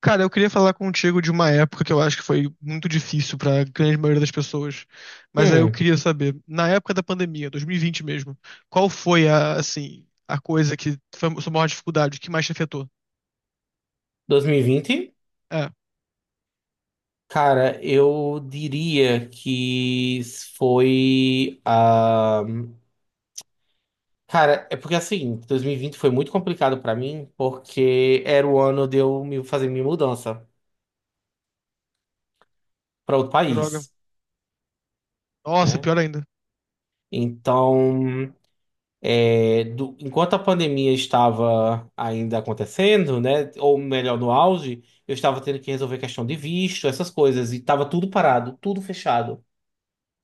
Cara, eu queria falar contigo de uma época que eu acho que foi muito difícil pra grande maioria das pessoas, mas aí eu Hum, queria saber, na época da pandemia, 2020 mesmo, qual foi a coisa que foi a sua maior dificuldade, o que mais te afetou? 2020? É, Cara, eu diria que foi a. Cara, é porque assim, 2020 foi muito complicado pra mim, porque era o ano de eu me- fazer minha mudança pra outro droga. país, Nossa, né? pior ainda. Então, é, do- enquanto a pandemia estava ainda acontecendo, né? Ou melhor, no auge, eu estava tendo que resolver questão de visto, essas coisas, e estava tudo parado, tudo fechado.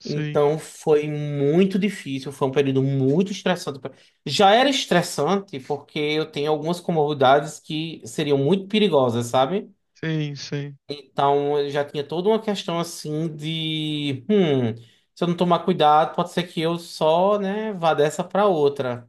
Sim, Então foi muito difícil, foi um período muito estressante. Pra- Já era estressante porque eu tenho algumas comorbidades que seriam muito perigosas, sabe? sim, sim. Então eu já tinha toda uma questão assim de, se eu não tomar cuidado, pode ser que eu só, né, vá dessa pra outra.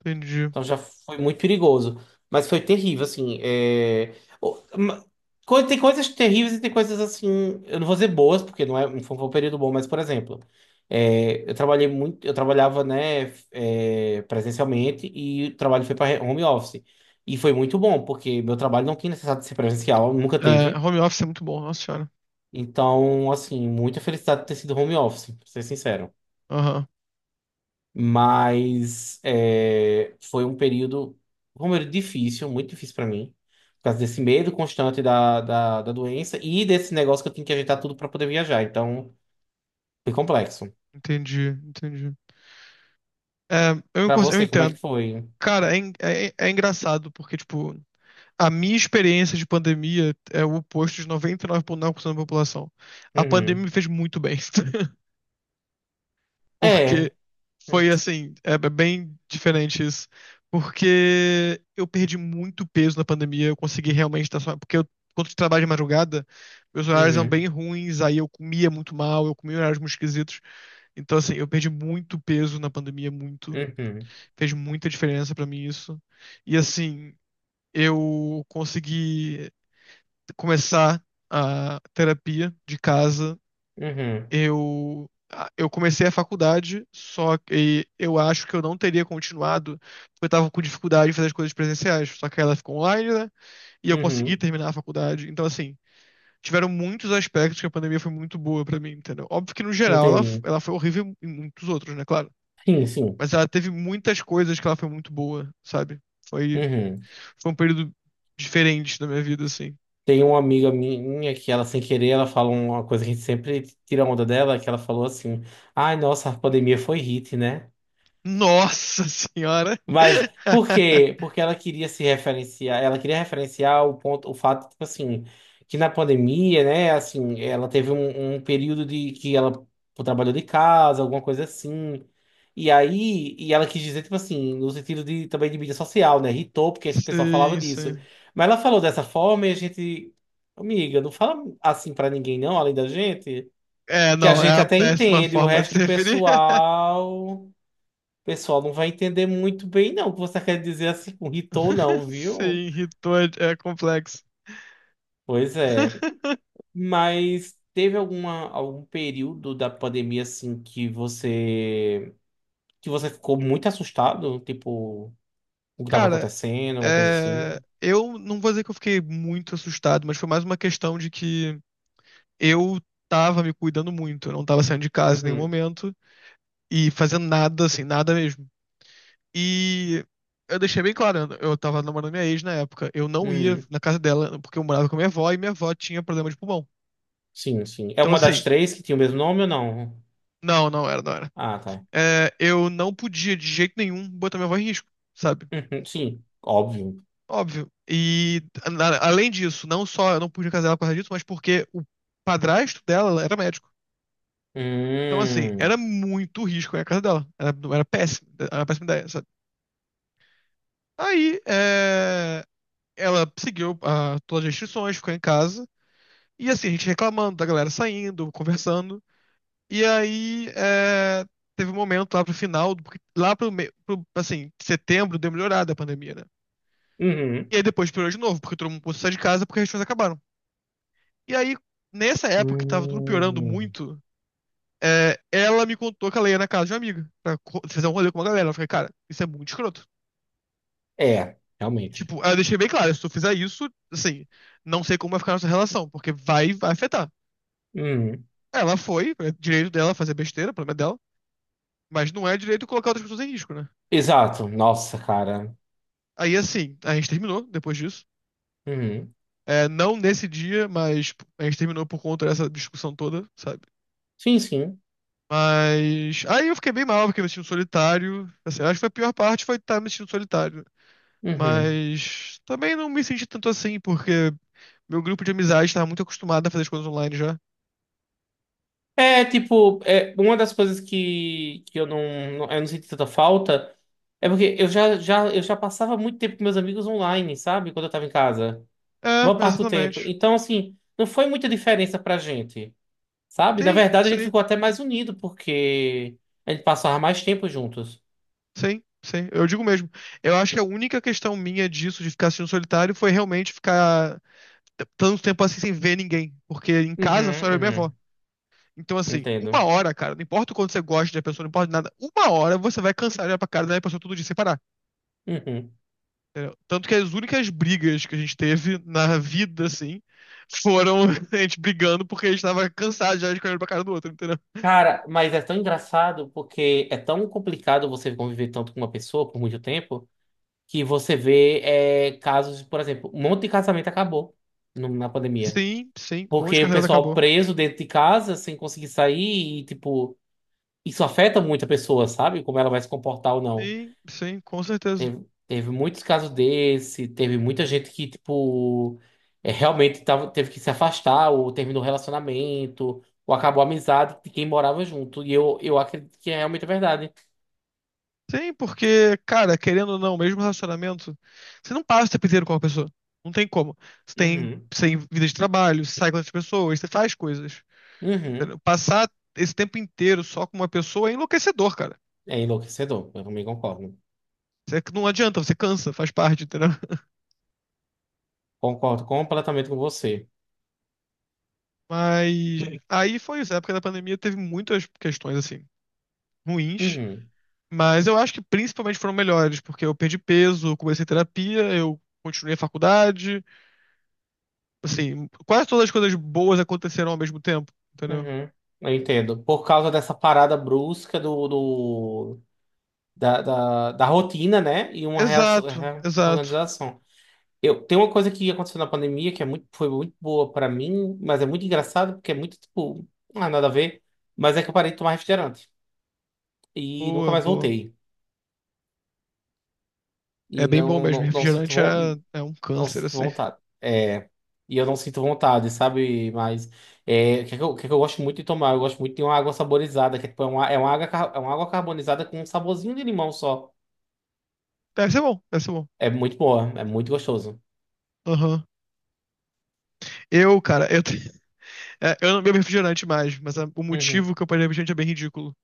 Entendi. Então já foi muito perigoso. Mas foi terrível, assim. É... o- ma- co- Tem coisas terríveis e tem coisas assim. Eu não vou dizer boas, porque não é, não foi um período bom, mas, por exemplo, é, eu trabalhei muito, eu trabalhava, né, é, presencialmente e o trabalho foi para home office. E foi muito bom, porque meu trabalho não tinha necessidade de ser presencial, nunca É, teve. home office é muito bom, nossa senhora. Então, assim, muita felicidade de ter sido home office, pra ser sincero. Aham, Mas é, foi um período, como eu disse, difícil, muito difícil para mim, por causa desse medo constante da doença e desse negócio que eu tinha que ajeitar tudo para poder viajar. Então, foi complexo. entendi, entendi. Para Eu você, como é que entendo. foi? Cara, é engraçado, porque, tipo, a minha experiência de pandemia é o oposto de 99,9% da população. A pandemia Uhum. me fez muito bem, É. porque foi assim, é bem diferente isso. Porque eu perdi muito peso na pandemia, eu consegui realmente estar só. Porque eu, quando eu trabalho de madrugada, meus horários eram bem Uhum. ruins, aí eu comia muito mal, eu comia horários muito esquisitos. Então, assim, eu perdi muito peso na pandemia, muito. Uhum. Fez muita diferença pra mim isso. E, assim, eu consegui começar a terapia de casa, Uhum. eu eu comecei a faculdade, só que eu acho que eu não teria continuado, porque eu tava com dificuldade em fazer as coisas presenciais, só que ela ficou online, né? E eu consegui Uhum. terminar a faculdade. Então, assim, tiveram muitos aspectos que a pandemia foi muito boa pra mim, entendeu? Óbvio que no geral ela, Entendi. ela foi horrível em muitos outros, né, claro. Sim, sim. Mas ela teve muitas coisas que ela foi muito boa, sabe? Foi, Uhum. foi um período diferente da minha vida, assim. Tem uma amiga minha que ela, sem querer, ela fala uma coisa que a gente sempre tira onda dela, que ela falou assim: ai, nossa, a pandemia foi hit, né? Nossa senhora! Mas por quê? Porque ela queria se referenciar, ela queria referenciar o ponto, o fato, tipo assim, que na pandemia, né, assim, ela teve um, um período de que ela trabalhou de casa, alguma coisa assim. E aí, e ela quis dizer, tipo assim, no sentido de também de mídia social, né? Irritou, porque esse pessoal falava Sim, disso. sim. Mas ela falou dessa forma e a gente, amiga, não fala assim pra ninguém, não, além da gente, É, que a não, é gente a até péssima entende, o forma de se resto do referir. pessoal pessoal não vai entender muito bem, não, o que você quer dizer assim com Hitou, não, viu? Sim, irritou é complexo. Pois é. Mas teve alguma, algum período da pandemia, assim, que você ficou muito assustado? Tipo, o que estava Cara, acontecendo, alguma coisa é, assim? eu não vou dizer que eu fiquei muito assustado, mas foi mais uma questão de que eu tava me cuidando muito, eu não tava saindo de casa em nenhum Uhum. momento e fazendo nada, assim, nada mesmo. E eu deixei bem claro, né, eu tava namorando minha ex na época, eu não ia Uhum. na casa dela porque eu morava com a minha avó e minha avó tinha problema de pulmão. Sim, sim. É Então, uma das assim, três que tinha o mesmo nome ou não? não, não era, não era. Ah, tá. É, eu não podia, de jeito nenhum, botar minha avó em risco, sabe? Uhum. Sim, óbvio. Óbvio. E, além disso, não só eu não podia casar ela por causa disso, mas porque o padrasto dela era médico. Então, assim, Hum. era muito risco ir à casa dela. Era, era péssimo, era uma péssima ideia, sabe? Aí, é, ela seguiu ah, todas as restrições, ficou em casa. E, assim, a gente reclamando da galera saindo, conversando. E aí, é, teve um momento lá pro final, porque lá pro, assim, setembro deu melhorada a pandemia, né? Uhum. E aí depois piorou de novo, porque todo mundo pôs sair de casa porque as restrições acabaram. E aí, nessa época que tava tudo piorando Hum. muito, é, ela me contou que ela ia na casa de uma amiga pra fazer um rolê com uma galera. Eu falei, cara, isso é muito escroto. É, realmente. Tipo, aí eu deixei bem claro, se tu fizer isso, assim, não sei como vai ficar a nossa relação, porque vai afetar. Uhum. Ela foi, é direito dela fazer besteira, problema é dela, mas não é direito colocar outras pessoas em risco, né? Exato, nossa, cara. Aí assim, a gente terminou depois disso. Uhum. É, não nesse dia, mas a gente terminou por conta dessa discussão toda, sabe? Sim, sim. Mas aí eu fiquei bem mal, fiquei me sentindo solitário. Assim, acho que foi a pior parte foi estar me sentindo solitário. Uhum. Mas também não me senti tanto assim, porque meu grupo de amizade estava muito acostumado a fazer as coisas online já. É tipo, é, uma das coisas que eu não, não- eu não senti tanta falta é porque eu já, já, eu já passava muito tempo com meus amigos online, sabe? Quando eu tava em casa. É, Maior parte do tempo. exatamente. Então, assim, não foi muita diferença pra gente, sabe? Na Sim, verdade, a gente sim, ficou até mais unido, porque a gente passava mais tempo juntos. sim, sim. Eu digo mesmo. Eu acho que a única questão minha disso, de ficar sentindo solitário, foi realmente ficar tanto tempo assim sem ver ninguém. Porque em casa só Uhum, era eu e minha avó. uhum. Então, assim, Entendo. uma hora, cara, não importa o quanto você gosta da pessoa, não importa nada, uma hora você vai cansar de olhar pra cara da pessoa todo dia sem parar. Uhum. Entendeu? Tanto que as únicas brigas que a gente teve na vida, assim, foram a gente brigando porque a gente tava cansado já de olhar pra cara do outro, entendeu? Cara, mas é tão engraçado porque é tão complicado você conviver tanto com uma pessoa por muito tempo que você vê é, casos, por exemplo, um monte de casamento acabou no- na pandemia. Sim, sim, um monte de Porque o casamento pessoal acabou. preso dentro de casa sem conseguir sair e, tipo, isso afeta muito a pessoa, sabe? Como ela vai se comportar ou não. Sim, sim, com certeza. Teve, teve muitos casos desse, teve muita gente que, tipo, é, realmente tava, teve que se afastar, ou terminou o relacionamento, ou acabou a amizade de quem morava junto. E eu acredito que é realmente verdade. Sim, porque, cara, querendo ou não, mesmo relacionamento, você não passa o tempo inteiro com uma pessoa. Não tem como. Você tem, Uhum. você tem vida de trabalho, você sai com outras pessoas, você faz coisas. Uhum. Passar esse tempo inteiro só com uma pessoa é enlouquecedor, cara. É enlouquecedor, eu também concordo. Não adianta, você cansa, faz parte, entendeu? Concordo completamente com você. Mas aí foi isso. A época da pandemia teve muitas questões, assim, ruins. Uhum. Mas eu acho que principalmente foram melhores, porque eu perdi peso, comecei terapia, eu continuei a faculdade. Assim, quase todas as coisas boas aconteceram ao mesmo tempo, entendeu? Uhum. Eu entendo. Por causa dessa parada brusca da rotina, né? E uma reação- Exato, exato. reorganização. Eu, tem uma coisa que aconteceu na pandemia que é muito, foi muito boa pra mim, mas é muito engraçado porque é muito, tipo, não é nada a ver. Mas é que eu parei de tomar refrigerante e nunca Boa, mais boa. voltei. É E bem bom não, mesmo. não, não sinto, Refrigerante é, von- é um não câncer, sinto assim. vontade. É, e eu não sinto vontade, sabe? Mas é, o que é que eu, o que é que eu gosto muito de tomar? Eu gosto muito de uma água saborizada, que é, tipo, é uma água, car- é uma água carbonizada com um saborzinho de limão só. Deve ser bom, deve ser bom. É muito boa, é muito gostoso. Aham. Eu, cara, eu, te- É, eu não bebo refrigerante mais, mas o Uhum, motivo que eu parei de beber refrigerante é bem ridículo.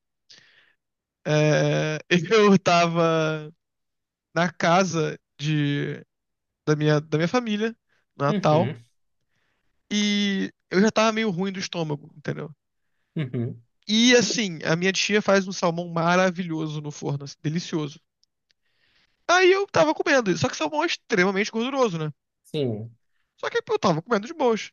É, eu tava na casa de, da minha família, no Natal, uhum, e eu já tava meio ruim do estômago, entendeu? uhum, E assim, a minha tia faz um salmão maravilhoso no forno, assim, delicioso. Aí eu tava comendo, só que salmão é extremamente gorduroso, né? sim. Só que eu tava comendo de boas.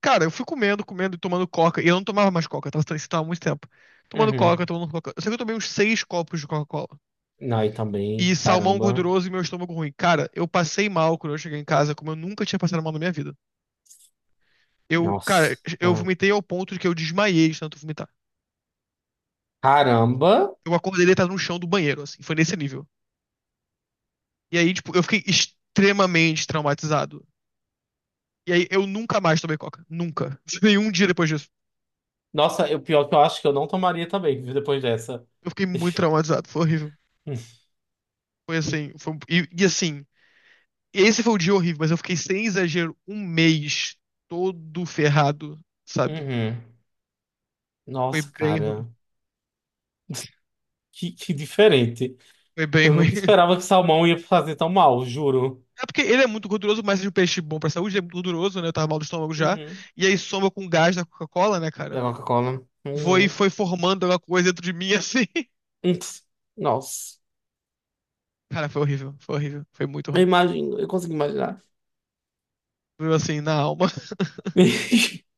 Cara, eu fui comendo, comendo e tomando coca, e eu não tomava mais coca, eu tava, isso tava há muito tempo. Tomando coca, Uhum. tomando coca. Eu sei que eu tomei uns 6 copos de Coca-Cola. Não, e também, E salmão caramba. gorduroso e meu estômago ruim. Cara, eu passei mal quando eu cheguei em casa, como eu nunca tinha passado mal na minha vida. Eu, cara, eu Nossa. vomitei ao ponto de que eu desmaiei de tanto vomitar. Caramba. Eu acordei deitado no chão do banheiro, assim, foi nesse nível. E aí, tipo, eu fiquei extremamente traumatizado. E aí, eu nunca mais tomei coca. Nunca. Nenhum dia depois disso. Nossa, o pior que eu acho que eu não tomaria também, viu, depois dessa. Eu fiquei muito traumatizado, foi horrível. Foi assim, foi... E, e assim, esse foi o dia horrível, mas eu fiquei sem exagero 1 mês todo ferrado, sabe? Uhum. Foi Nossa, bem ruim. cara. Que diferente. Foi bem Eu ruim. nunca esperava que salmão ia fazer tão mal, juro. É porque ele é muito gorduroso, mas é um peixe bom pra saúde, ele é muito gorduroso, né? Eu tava mal do estômago já. Uhum. E aí soma com o gás da Coca-Cola, né, É cara? Coca-Cola. Foi, Uhum. foi formando alguma coisa dentro de mim, assim. Ups. Nossa. Cara, foi horrível, foi horrível. Foi muito Eu ruim. imagino, eu consigo imaginar. Foi assim, na alma.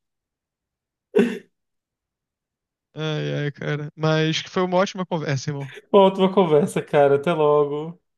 Ai, ai, cara. Mas que foi uma ótima conversa, irmão. Uma ótima conversa, cara. Até logo.